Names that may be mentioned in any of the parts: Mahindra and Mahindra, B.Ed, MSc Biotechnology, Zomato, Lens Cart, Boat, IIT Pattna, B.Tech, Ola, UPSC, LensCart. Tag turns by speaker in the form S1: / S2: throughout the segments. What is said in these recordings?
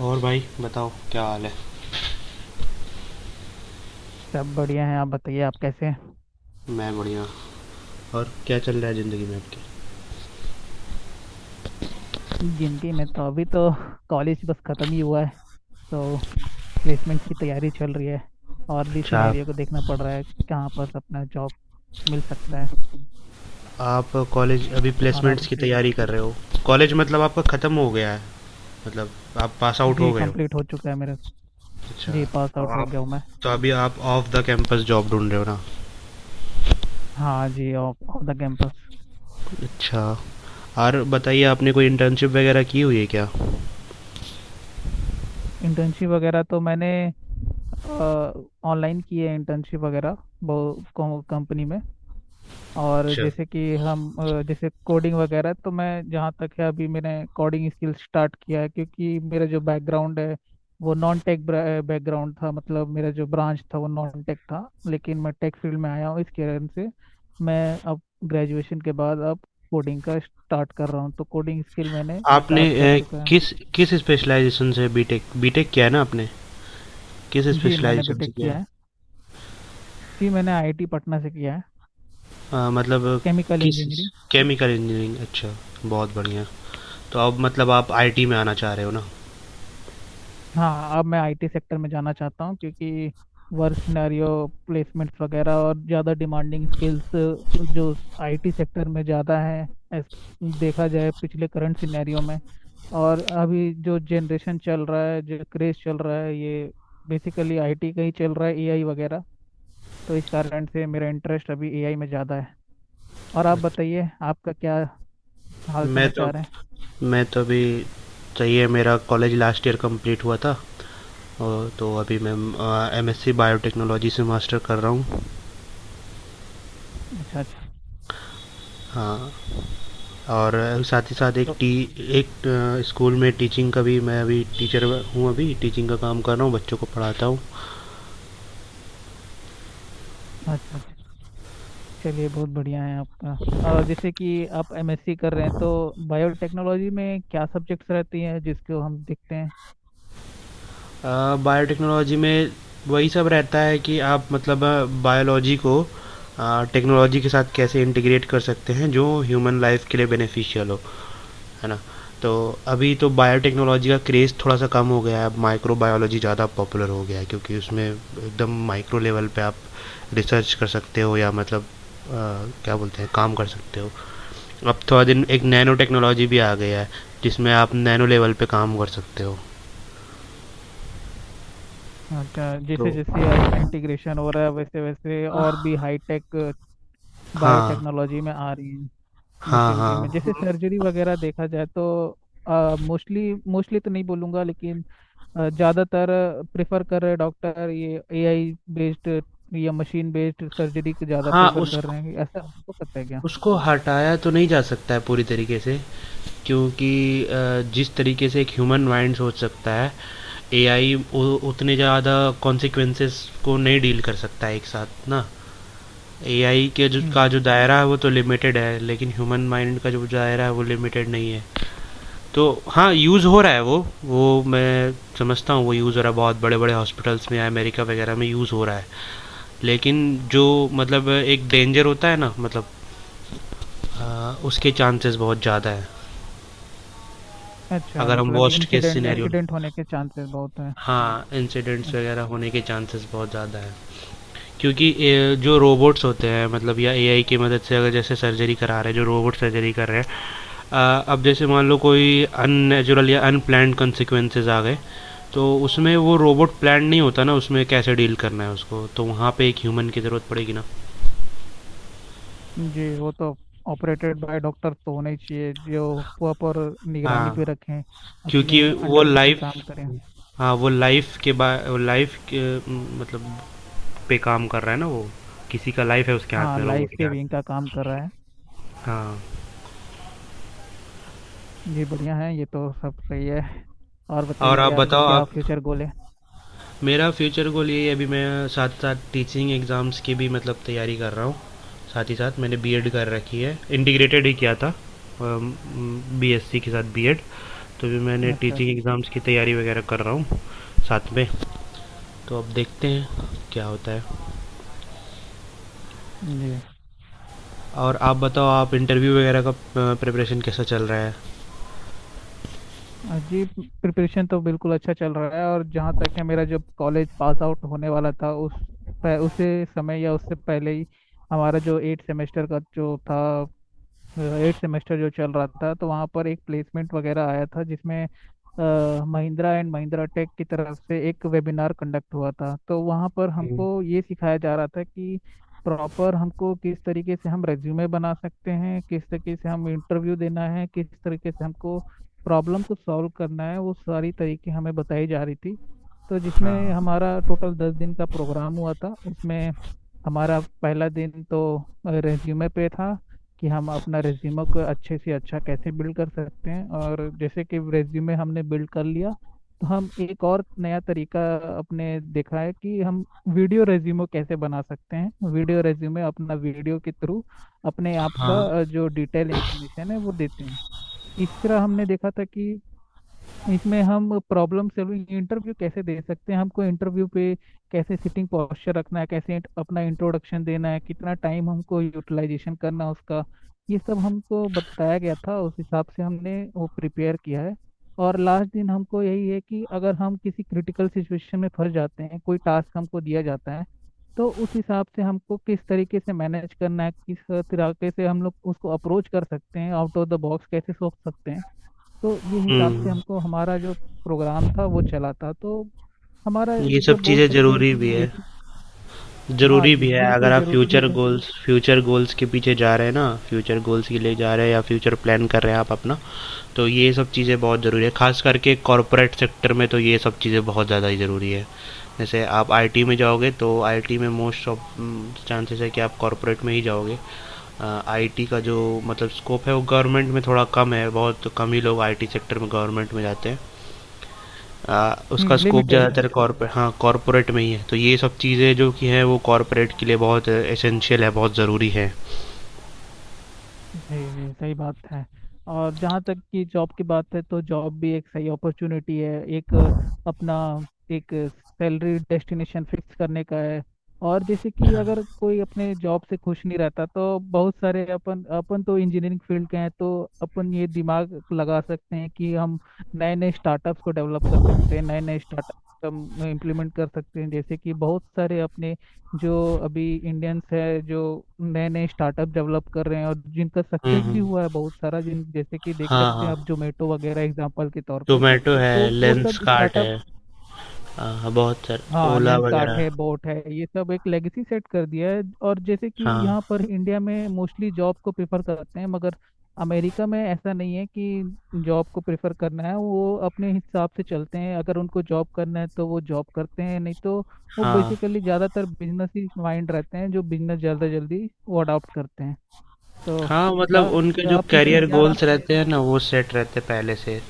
S1: और भाई बताओ क्या हाल है।
S2: सब बढ़िया है। आप बताइए, आप कैसे हैं?
S1: मैं बढ़िया। और क्या चल रहा है ज़िंदगी में आपकी।
S2: जिंदगी में तो अभी तो कॉलेज बस खत्म ही हुआ है, तो प्लेसमेंट्स की तैयारी चल रही है। और भी
S1: अच्छा।
S2: सिनेरियो को देखना पड़ रहा है, कहाँ पर अपना जॉब मिल सकता है।
S1: आप कॉलेज अभी
S2: और आप
S1: प्लेसमेंट्स की
S2: बताइए।
S1: तैयारी कर रहे हो? कॉलेज मतलब आपका ख़त्म हो गया है, मतलब आप पास आउट
S2: जी
S1: हो गए हो?
S2: कंप्लीट हो चुका है मेरा।
S1: अच्छा।
S2: जी पास
S1: तो
S2: आउट हो
S1: आप
S2: गया हूँ मैं।
S1: तो अभी आप ऑफ द कैंपस जॉब ढूंढ रहे हो ना?
S2: हाँ जी, ऑफ ऑफ द कैंपस।
S1: अच्छा। और बताइए आपने कोई इंटर्नशिप वगैरह की हुई है क्या?
S2: इंटर्नशिप वगैरह तो मैंने ऑनलाइन की है, इंटर्नशिप वगैरह, वो कंपनी में। और
S1: अच्छा।
S2: जैसे कि हम जैसे कोडिंग वगैरह, तो मैं जहाँ तक है अभी मैंने कोडिंग स्किल स्टार्ट किया है, क्योंकि मेरा जो बैकग्राउंड है वो नॉन टेक बैकग्राउंड था। मतलब मेरा जो ब्रांच था वो नॉन टेक था, लेकिन मैं टेक फील्ड में आया हूँ। इस कारण से मैं अब ग्रेजुएशन के बाद अब कोडिंग का स्टार्ट कर रहा हूँ, तो कोडिंग स्किल मैंने
S1: आपने
S2: स्टार्ट कर
S1: अ,
S2: चुका है।
S1: किस किस स्पेशलाइजेशन से बीटेक बीटेक किया है ना आपने, किस
S2: जी मैंने
S1: स्पेशलाइजेशन से
S2: बीटेक
S1: किया
S2: किया
S1: है?
S2: है। जी मैंने आईआईटी पटना से किया है।
S1: मतलब
S2: केमिकल
S1: किस,
S2: इंजीनियरिंग।
S1: केमिकल इंजीनियरिंग, अच्छा, बहुत बढ़िया। तो अब मतलब आप आईटी में आना चाह रहे हो ना?
S2: हाँ, अब मैं आईटी सेक्टर में जाना चाहता हूँ, क्योंकि वर्क सिनेरियो, प्लेसमेंट्स वगैरह और ज़्यादा डिमांडिंग स्किल्स जो आईटी सेक्टर में ज़्यादा है as देखा जाए पिछले करंट सिनेरियो में। और अभी जो जनरेशन चल रहा है, जो क्रेज चल रहा है, ये बेसिकली आईटी का ही चल रहा है, एआई वगैरह। तो इस कारण से मेरा इंटरेस्ट अभी एआई में ज़्यादा है। और आप बताइए, आपका क्या हाल
S1: मैं तो
S2: समाचार है?
S1: मैं तो अभी चाहिए, मेरा कॉलेज लास्ट ईयर कंप्लीट हुआ था। और तो अभी मैं एमएससी बायोटेक्नोलॉजी से मास्टर कर रहा हूँ।
S2: अच्छा अच्छा।
S1: हाँ। और साथ ही साथ एक
S2: तो
S1: टी, एक स्कूल में टीचिंग का भी मैं अभी टीचर हूँ, अभी टीचिंग का काम कर रहा हूँ, बच्चों को पढ़ाता हूँ।
S2: अच्छा अच्छा, चलिए बहुत बढ़िया है आपका। और जैसे कि आप एमएससी कर रहे हैं, तो बायोटेक्नोलॉजी में क्या सब्जेक्ट्स रहती हैं जिसको हम देखते हैं?
S1: बायोटेक्नोलॉजी में वही सब रहता है कि आप मतलब बायोलॉजी को टेक्नोलॉजी के साथ कैसे इंटीग्रेट कर सकते हैं जो ह्यूमन लाइफ के लिए बेनिफिशियल हो, है ना। तो अभी तो बायोटेक्नोलॉजी का क्रेज़ थोड़ा सा कम हो गया है, अब माइक्रो बायोलॉजी ज़्यादा पॉपुलर हो गया है क्योंकि उसमें एकदम माइक्रो लेवल पे आप रिसर्च कर सकते हो या मतलब क्या बोलते हैं, काम कर सकते हो। अब थोड़ा दिन एक नैनो टेक्नोलॉजी भी आ गया है जिसमें आप नैनो लेवल पे काम कर सकते हो।
S2: अच्छा,
S1: तो
S2: जैसे जैसे आई का इंटीग्रेशन हो रहा है, वैसे वैसे और भी हाईटेक
S1: हाँ।
S2: बायोटेक्नोलॉजी में आ रही है।
S1: हाँ।
S2: मशीनरी में
S1: हाँ।
S2: जैसे सर्जरी वगैरह देखा जाए तो मोस्टली मोस्टली तो नहीं बोलूँगा लेकिन ज़्यादातर प्रेफर कर रहे डॉक्टर, ये एआई बेस्ड या मशीन बेस्ड सर्जरी के ज़्यादा
S1: हाँ।
S2: प्रेफर
S1: उस
S2: कर रहे हैं, ऐसा आपको पता है क्या?
S1: उसको हटाया तो नहीं जा सकता है पूरी तरीके से, क्योंकि जिस तरीके से एक ह्यूमन माइंड सोच सकता है, एआई उतने ज़्यादा कॉन्सिक्वेंसेस को नहीं डील कर सकता है एक साथ ना। एआई के जो का
S2: हम्म।
S1: जो दायरा है वो तो लिमिटेड है, लेकिन ह्यूमन माइंड का जो दायरा है वो लिमिटेड नहीं है। तो हाँ, यूज़ हो रहा है वो। मैं समझता हूँ वो यूज़ हो रहा है बहुत बड़े बड़े हॉस्पिटल्स में, अमेरिका वगैरह में यूज़ हो रहा है। लेकिन जो मतलब एक डेंजर होता है ना, मतलब उसके चांसेस बहुत ज़्यादा है।
S2: अच्छा,
S1: अगर हम
S2: मतलब
S1: worst case
S2: incident
S1: scenario,
S2: accident होने के चांसेस बहुत हैं।
S1: हाँ
S2: अ,
S1: इंसिडेंट्स वगैरह होने के चांसेस बहुत ज़्यादा है, क्योंकि ए, जो रोबोट्स होते हैं मतलब या एआई की मदद से अगर जैसे सर्जरी करा रहे हैं, जो रोबोट सर्जरी कर रहे हैं, अब जैसे मान लो कोई अननेचुरल या अनप्लान्ड कंसिक्वेंसेज आ गए, तो उसमें वो रोबोट प्लान नहीं होता ना, उसमें कैसे डील करना है उसको, तो वहाँ पे एक ह्यूमन की ज़रूरत पड़ेगी ना।
S2: जी वो तो ऑपरेटेड बाय डॉक्टर तो होने ही चाहिए, जो प्रॉपर निगरानी पे
S1: हाँ,
S2: रखें,
S1: क्योंकि
S2: अपने
S1: वो
S2: अंडर पे
S1: लाइफ,
S2: काम करें।
S1: हाँ वो लाइफ के बा, लाइफ के मतलब पे काम कर रहा है ना वो, किसी का लाइफ है उसके हाथ
S2: हाँ,
S1: में,
S2: लाइफ
S1: रोबोट के हाथ
S2: सेविंग
S1: में।
S2: का काम कर रहा है।
S1: हाँ।
S2: जी बढ़िया है, ये तो सब सही है। और
S1: और
S2: बताइए,
S1: आप
S2: आपका
S1: बताओ
S2: क्या
S1: आप,
S2: फ्यूचर गोल है?
S1: मेरा फ्यूचर गोल यही है, अभी मैं साथ साथ टीचिंग एग्ज़ाम्स की भी मतलब तैयारी कर रहा हूँ। साथ ही साथ मैंने बीएड कर रखी है, इंटीग्रेटेड ही किया था, बीएससी के साथ बीएड, तो भी मैंने
S2: अच्छा
S1: टीचिंग
S2: अच्छा।
S1: एग्ज़ाम्स की तैयारी वगैरह कर रहा हूँ साथ में। तो अब देखते हैं क्या होता है।
S2: जी।
S1: और आप बताओ आप इंटरव्यू वगैरह का प्रिपरेशन कैसा चल रहा है?
S2: जी प्रिपरेशन तो बिल्कुल अच्छा चल रहा है। और जहाँ तक है, मेरा जब कॉलेज पास आउट होने वाला था, उस उसे समय या उससे पहले ही हमारा जो एट सेमेस्टर का जो था, एट सेमेस्टर जो चल रहा था, तो वहाँ पर एक प्लेसमेंट वगैरह आया था, जिसमें महिंद्रा एंड महिंद्रा टेक की तरफ से एक वेबिनार कंडक्ट हुआ था। तो वहाँ पर हमको ये सिखाया जा रहा था कि प्रॉपर हमको किस तरीके से हम रेज्यूमे बना सकते हैं, किस तरीके से हम इंटरव्यू देना है, किस तरीके से हमको प्रॉब्लम को सॉल्व करना है, वो सारी तरीके हमें बताई जा रही थी। तो जिसमें
S1: हाँ।
S2: हमारा टोटल दस दिन का प्रोग्राम हुआ था, उसमें हमारा पहला दिन तो रेज्यूमे पे था कि हम अपना रेज्यूमे को अच्छे से अच्छा कैसे बिल्ड कर सकते हैं। और जैसे कि रेज्यूमे हमने बिल्ड कर लिया, तो हम एक और नया तरीका अपने देखा है कि हम वीडियो रेज्यूमे कैसे बना सकते हैं। वीडियो रेज्यूमे अपना वीडियो के थ्रू अपने आप का
S1: हाँ।
S2: जो डिटेल इंफॉर्मेशन है वो देते हैं। तीसरा हमने देखा था कि इसमें हम प्रॉब्लम सॉल्विंग इंटरव्यू कैसे दे सकते हैं, हमको इंटरव्यू पे कैसे सिटिंग पोस्चर रखना है, कैसे अपना इंट्रोडक्शन देना है, कितना टाइम हमको यूटिलाइजेशन करना है उसका। ये सब हमको बताया गया था, उस हिसाब से हमने वो प्रिपेयर किया है। और लास्ट दिन हमको यही है कि अगर हम किसी क्रिटिकल सिचुएशन में फंस जाते हैं, कोई टास्क हमको दिया जाता है, तो उस हिसाब से हमको किस तरीके से मैनेज करना है, किस तरीके से हम लोग उसको अप्रोच कर सकते हैं, आउट ऑफ द बॉक्स कैसे सोच सकते हैं। तो ये हिसाब से
S1: हम्म।
S2: हमको हमारा जो प्रोग्राम था वो चला था। तो हमारा
S1: ये
S2: जो
S1: सब
S2: बोल
S1: चीज़ें
S2: सकते हैं
S1: ज़रूरी
S2: कि
S1: भी है।
S2: बेसिक। हाँ
S1: ज़रूरी
S2: जी,
S1: भी है, अगर
S2: बिल्कुल
S1: आप
S2: जरूरी
S1: फ्यूचर
S2: है।
S1: गोल्स, फ्यूचर गोल्स के पीछे जा रहे हैं ना, फ्यूचर गोल्स के लिए जा रहे हैं या फ्यूचर प्लान कर रहे हैं आप अपना, तो ये सब चीज़ें बहुत ज़रूरी है। खास करके कॉरपोरेट सेक्टर में तो ये सब चीज़ें बहुत ज़्यादा ही ज़रूरी है। जैसे आप आईटी में जाओगे तो आईटी में मोस्ट ऑफ चांसेस है कि आप कॉरपोरेट में ही जाओगे। आईटी का जो मतलब स्कोप है वो गवर्नमेंट में थोड़ा कम है, बहुत कम ही लोग आईटी सेक्टर में गवर्नमेंट में जाते हैं। उसका
S2: हम्म,
S1: स्कोप
S2: लिमिटेड
S1: ज़्यादातर
S2: है।
S1: कॉर्पोरेट, हाँ कॉर्पोरेट में ही है, तो ये सब चीज़ें जो कि हैं वो कॉर्पोरेट के लिए बहुत एसेंशियल है, बहुत ज़रूरी है।
S2: जी जी, सही बात है। और जहाँ तक कि जॉब की बात है, तो जॉब भी एक सही अपॉर्चुनिटी है, एक अपना एक सैलरी डेस्टिनेशन फिक्स करने का है। और जैसे कि अगर कोई अपने जॉब से खुश नहीं रहता, तो बहुत सारे अपन, अपन तो इंजीनियरिंग फील्ड के हैं, तो अपन ये दिमाग लगा सकते हैं कि हम नए नए स्टार्टअप्स को डेवलप कर सकते हैं, नए नए स्टार्टअप हम इम्प्लीमेंट कर सकते हैं। जैसे कि बहुत सारे अपने जो अभी इंडियंस है, जो नए नए स्टार्टअप डेवलप कर रहे हैं, और जिनका
S1: हम्म।
S2: सक्सेस भी हुआ है बहुत सारा, जिन जैसे कि देख
S1: हाँ
S2: सकते
S1: हाँ,
S2: हैं अब जोमेटो वगैरह एग्जांपल के तौर पे,
S1: जोमेटो है,
S2: तो वो
S1: लेंस
S2: सब
S1: कार्ट है।
S2: स्टार्टअप।
S1: हाँ हाँ, बहुत सर।
S2: हाँ,
S1: ओला
S2: लेंस कार्ट
S1: वगैरह।
S2: है, बोट है, ये सब एक लेगेसी सेट कर दिया है। और जैसे कि
S1: हाँ।
S2: यहाँ पर इंडिया में मोस्टली जॉब को प्रेफर करते हैं, मगर अमेरिका में ऐसा नहीं है कि जॉब को प्रेफर करना है। वो अपने हिसाब से चलते हैं, अगर उनको जॉब करना है तो वो जॉब करते हैं, नहीं तो वो
S1: हाँ।
S2: बेसिकली ज़्यादातर बिजनेस ही माइंड रहते हैं, जो बिजनेस ज़्यादा जल्दी वो अडॉप्ट करते हैं। तो
S1: हाँ
S2: क्या
S1: मतलब उनके जो
S2: आप इसमें
S1: करियर
S2: क्या
S1: गोल्स
S2: राय दे?
S1: रहते हैं ना वो सेट रहते हैं पहले से।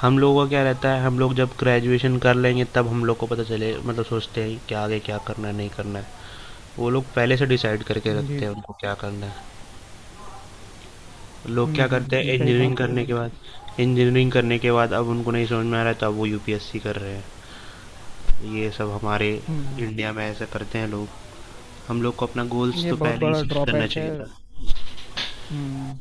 S1: हम लोगों का क्या रहता है, हम लोग जब ग्रेजुएशन कर लेंगे तब हम लोग को पता चले, मतलब सोचते हैं कि आगे क्या करना है, नहीं करना है। वो लोग पहले से डिसाइड करके
S2: जी
S1: रखते हैं
S2: जी।
S1: उनको क्या करना है। लोग क्या करते हैं
S2: जी सही
S1: इंजीनियरिंग
S2: बात है, सही
S1: करने
S2: बात।
S1: के बाद, इंजीनियरिंग करने के बाद अब उनको नहीं समझ में आ रहा है तो अब वो यूपीएससी कर रहे हैं, ये सब हमारे
S2: हम्म
S1: इंडिया में ऐसा करते हैं लोग। हम लोग को अपना गोल्स
S2: ये
S1: तो
S2: बहुत
S1: पहले ही
S2: बड़ा
S1: फिक्स करना
S2: ड्रॉबैक है।
S1: चाहिए था।
S2: हम्म,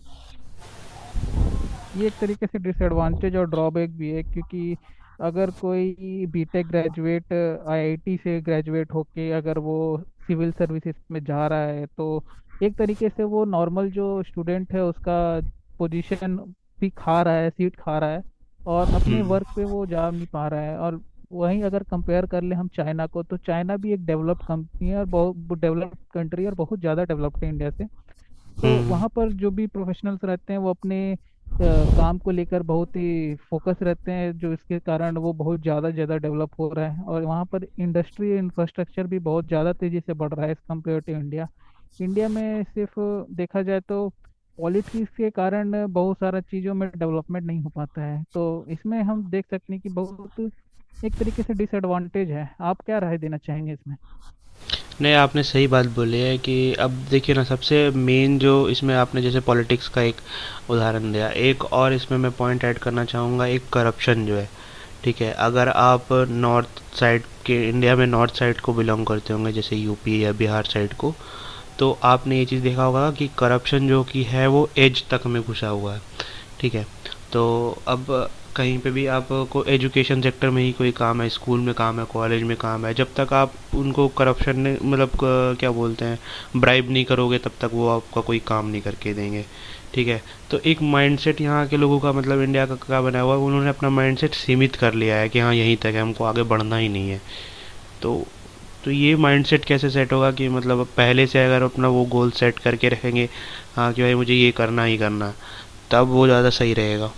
S2: ये एक तरीके से डिसएडवांटेज और ड्रॉबैक भी है। क्योंकि अगर कोई बीटेक ग्रेजुएट आईआईटी से ग्रेजुएट होके, अगर वो सिविल सर्विसेज में जा रहा है, तो एक तरीके से वो नॉर्मल जो स्टूडेंट है उसका पोजीशन भी खा रहा है, सीट खा रहा है, और अपने
S1: हम्म।
S2: वर्क पे वो जा नहीं पा रहा है। और वहीं अगर कंपेयर कर ले हम चाइना को, तो चाइना भी एक डेवलप्ड कंपनी है, और बहुत डेवलप्ड कंट्री है, और बहुत ज़्यादा डेवलप्ड है इंडिया से। तो
S1: हम्म।
S2: वहाँ पर जो भी प्रोफेशनल्स रहते हैं वो अपने काम को लेकर बहुत ही फोकस रहते हैं। जो इसके कारण वो बहुत ज़्यादा ज़्यादा डेवलप हो रहा है, और वहाँ पर इंडस्ट्री इंफ्रास्ट्रक्चर भी बहुत ज़्यादा तेज़ी से बढ़ रहा है as compare to India. India में सिर्फ देखा जाए तो पॉलिटिक्स के कारण बहुत सारा चीज़ों में डेवलपमेंट नहीं हो पाता है। तो इसमें हम देख सकते हैं कि बहुत एक तरीके से डिसएडवांटेज है। आप क्या राय देना चाहेंगे इसमें?
S1: नहीं, आपने सही बात बोली है कि अब देखिए ना, सबसे मेन जो इसमें आपने जैसे पॉलिटिक्स का एक उदाहरण दिया, एक और इसमें मैं पॉइंट ऐड करना चाहूँगा, एक करप्शन जो है। ठीक है, अगर आप नॉर्थ साइड के, इंडिया में नॉर्थ साइड को बिलोंग करते होंगे, जैसे यूपी या बिहार साइड को, तो आपने ये चीज़ देखा होगा कि करप्शन जो कि है वो एज तक में घुसा हुआ है। ठीक है। तो अब कहीं पे भी आपको एजुकेशन सेक्टर में ही कोई काम है, स्कूल में काम है, कॉलेज में काम है, जब तक आप उनको करप्शन ने मतलब क्या बोलते हैं, ब्राइब नहीं करोगे, तब तक वो आपका कोई काम नहीं करके देंगे। ठीक है। तो एक माइंडसेट यहाँ के लोगों का, मतलब इंडिया का, क्या बना हुआ है, उन्होंने अपना माइंडसेट सीमित कर लिया है कि हाँ यहीं तक है, हमको आगे बढ़ना ही नहीं है। तो तो ये माइंडसेट कैसे सेट होगा कि मतलब अब पहले से अगर अपना वो गोल सेट करके रखेंगे, हाँ कि भाई मुझे ये करना ही करना है, तब वो ज़्यादा सही रहेगा।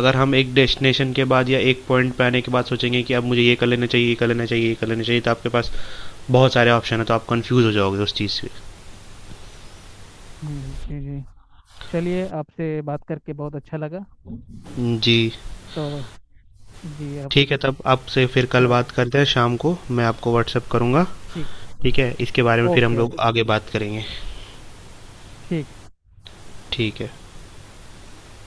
S1: अगर हम एक डेस्टिनेशन के बाद या एक पॉइंट पे आने के बाद सोचेंगे कि अब मुझे ये कर लेना चाहिए, ये कर लेना चाहिए, ये कर लेना चाहिए, तो आपके पास बहुत सारे ऑप्शन है, तो आप कंफ्यूज हो जाओगे उस चीज़ से।
S2: जी जी। चलिए, आपसे बात करके बहुत अच्छा लगा।
S1: जी।
S2: तो जी अब।
S1: ठीक है, तब आपसे फिर कल बात
S2: सर
S1: करते हैं, शाम को मैं आपको व्हाट्सअप करूँगा।
S2: ठीक।
S1: ठीक है, इसके बारे में फिर हम
S2: ओके
S1: लोग
S2: ओके,
S1: आगे बात करेंगे।
S2: ठीक है।
S1: ठीक है।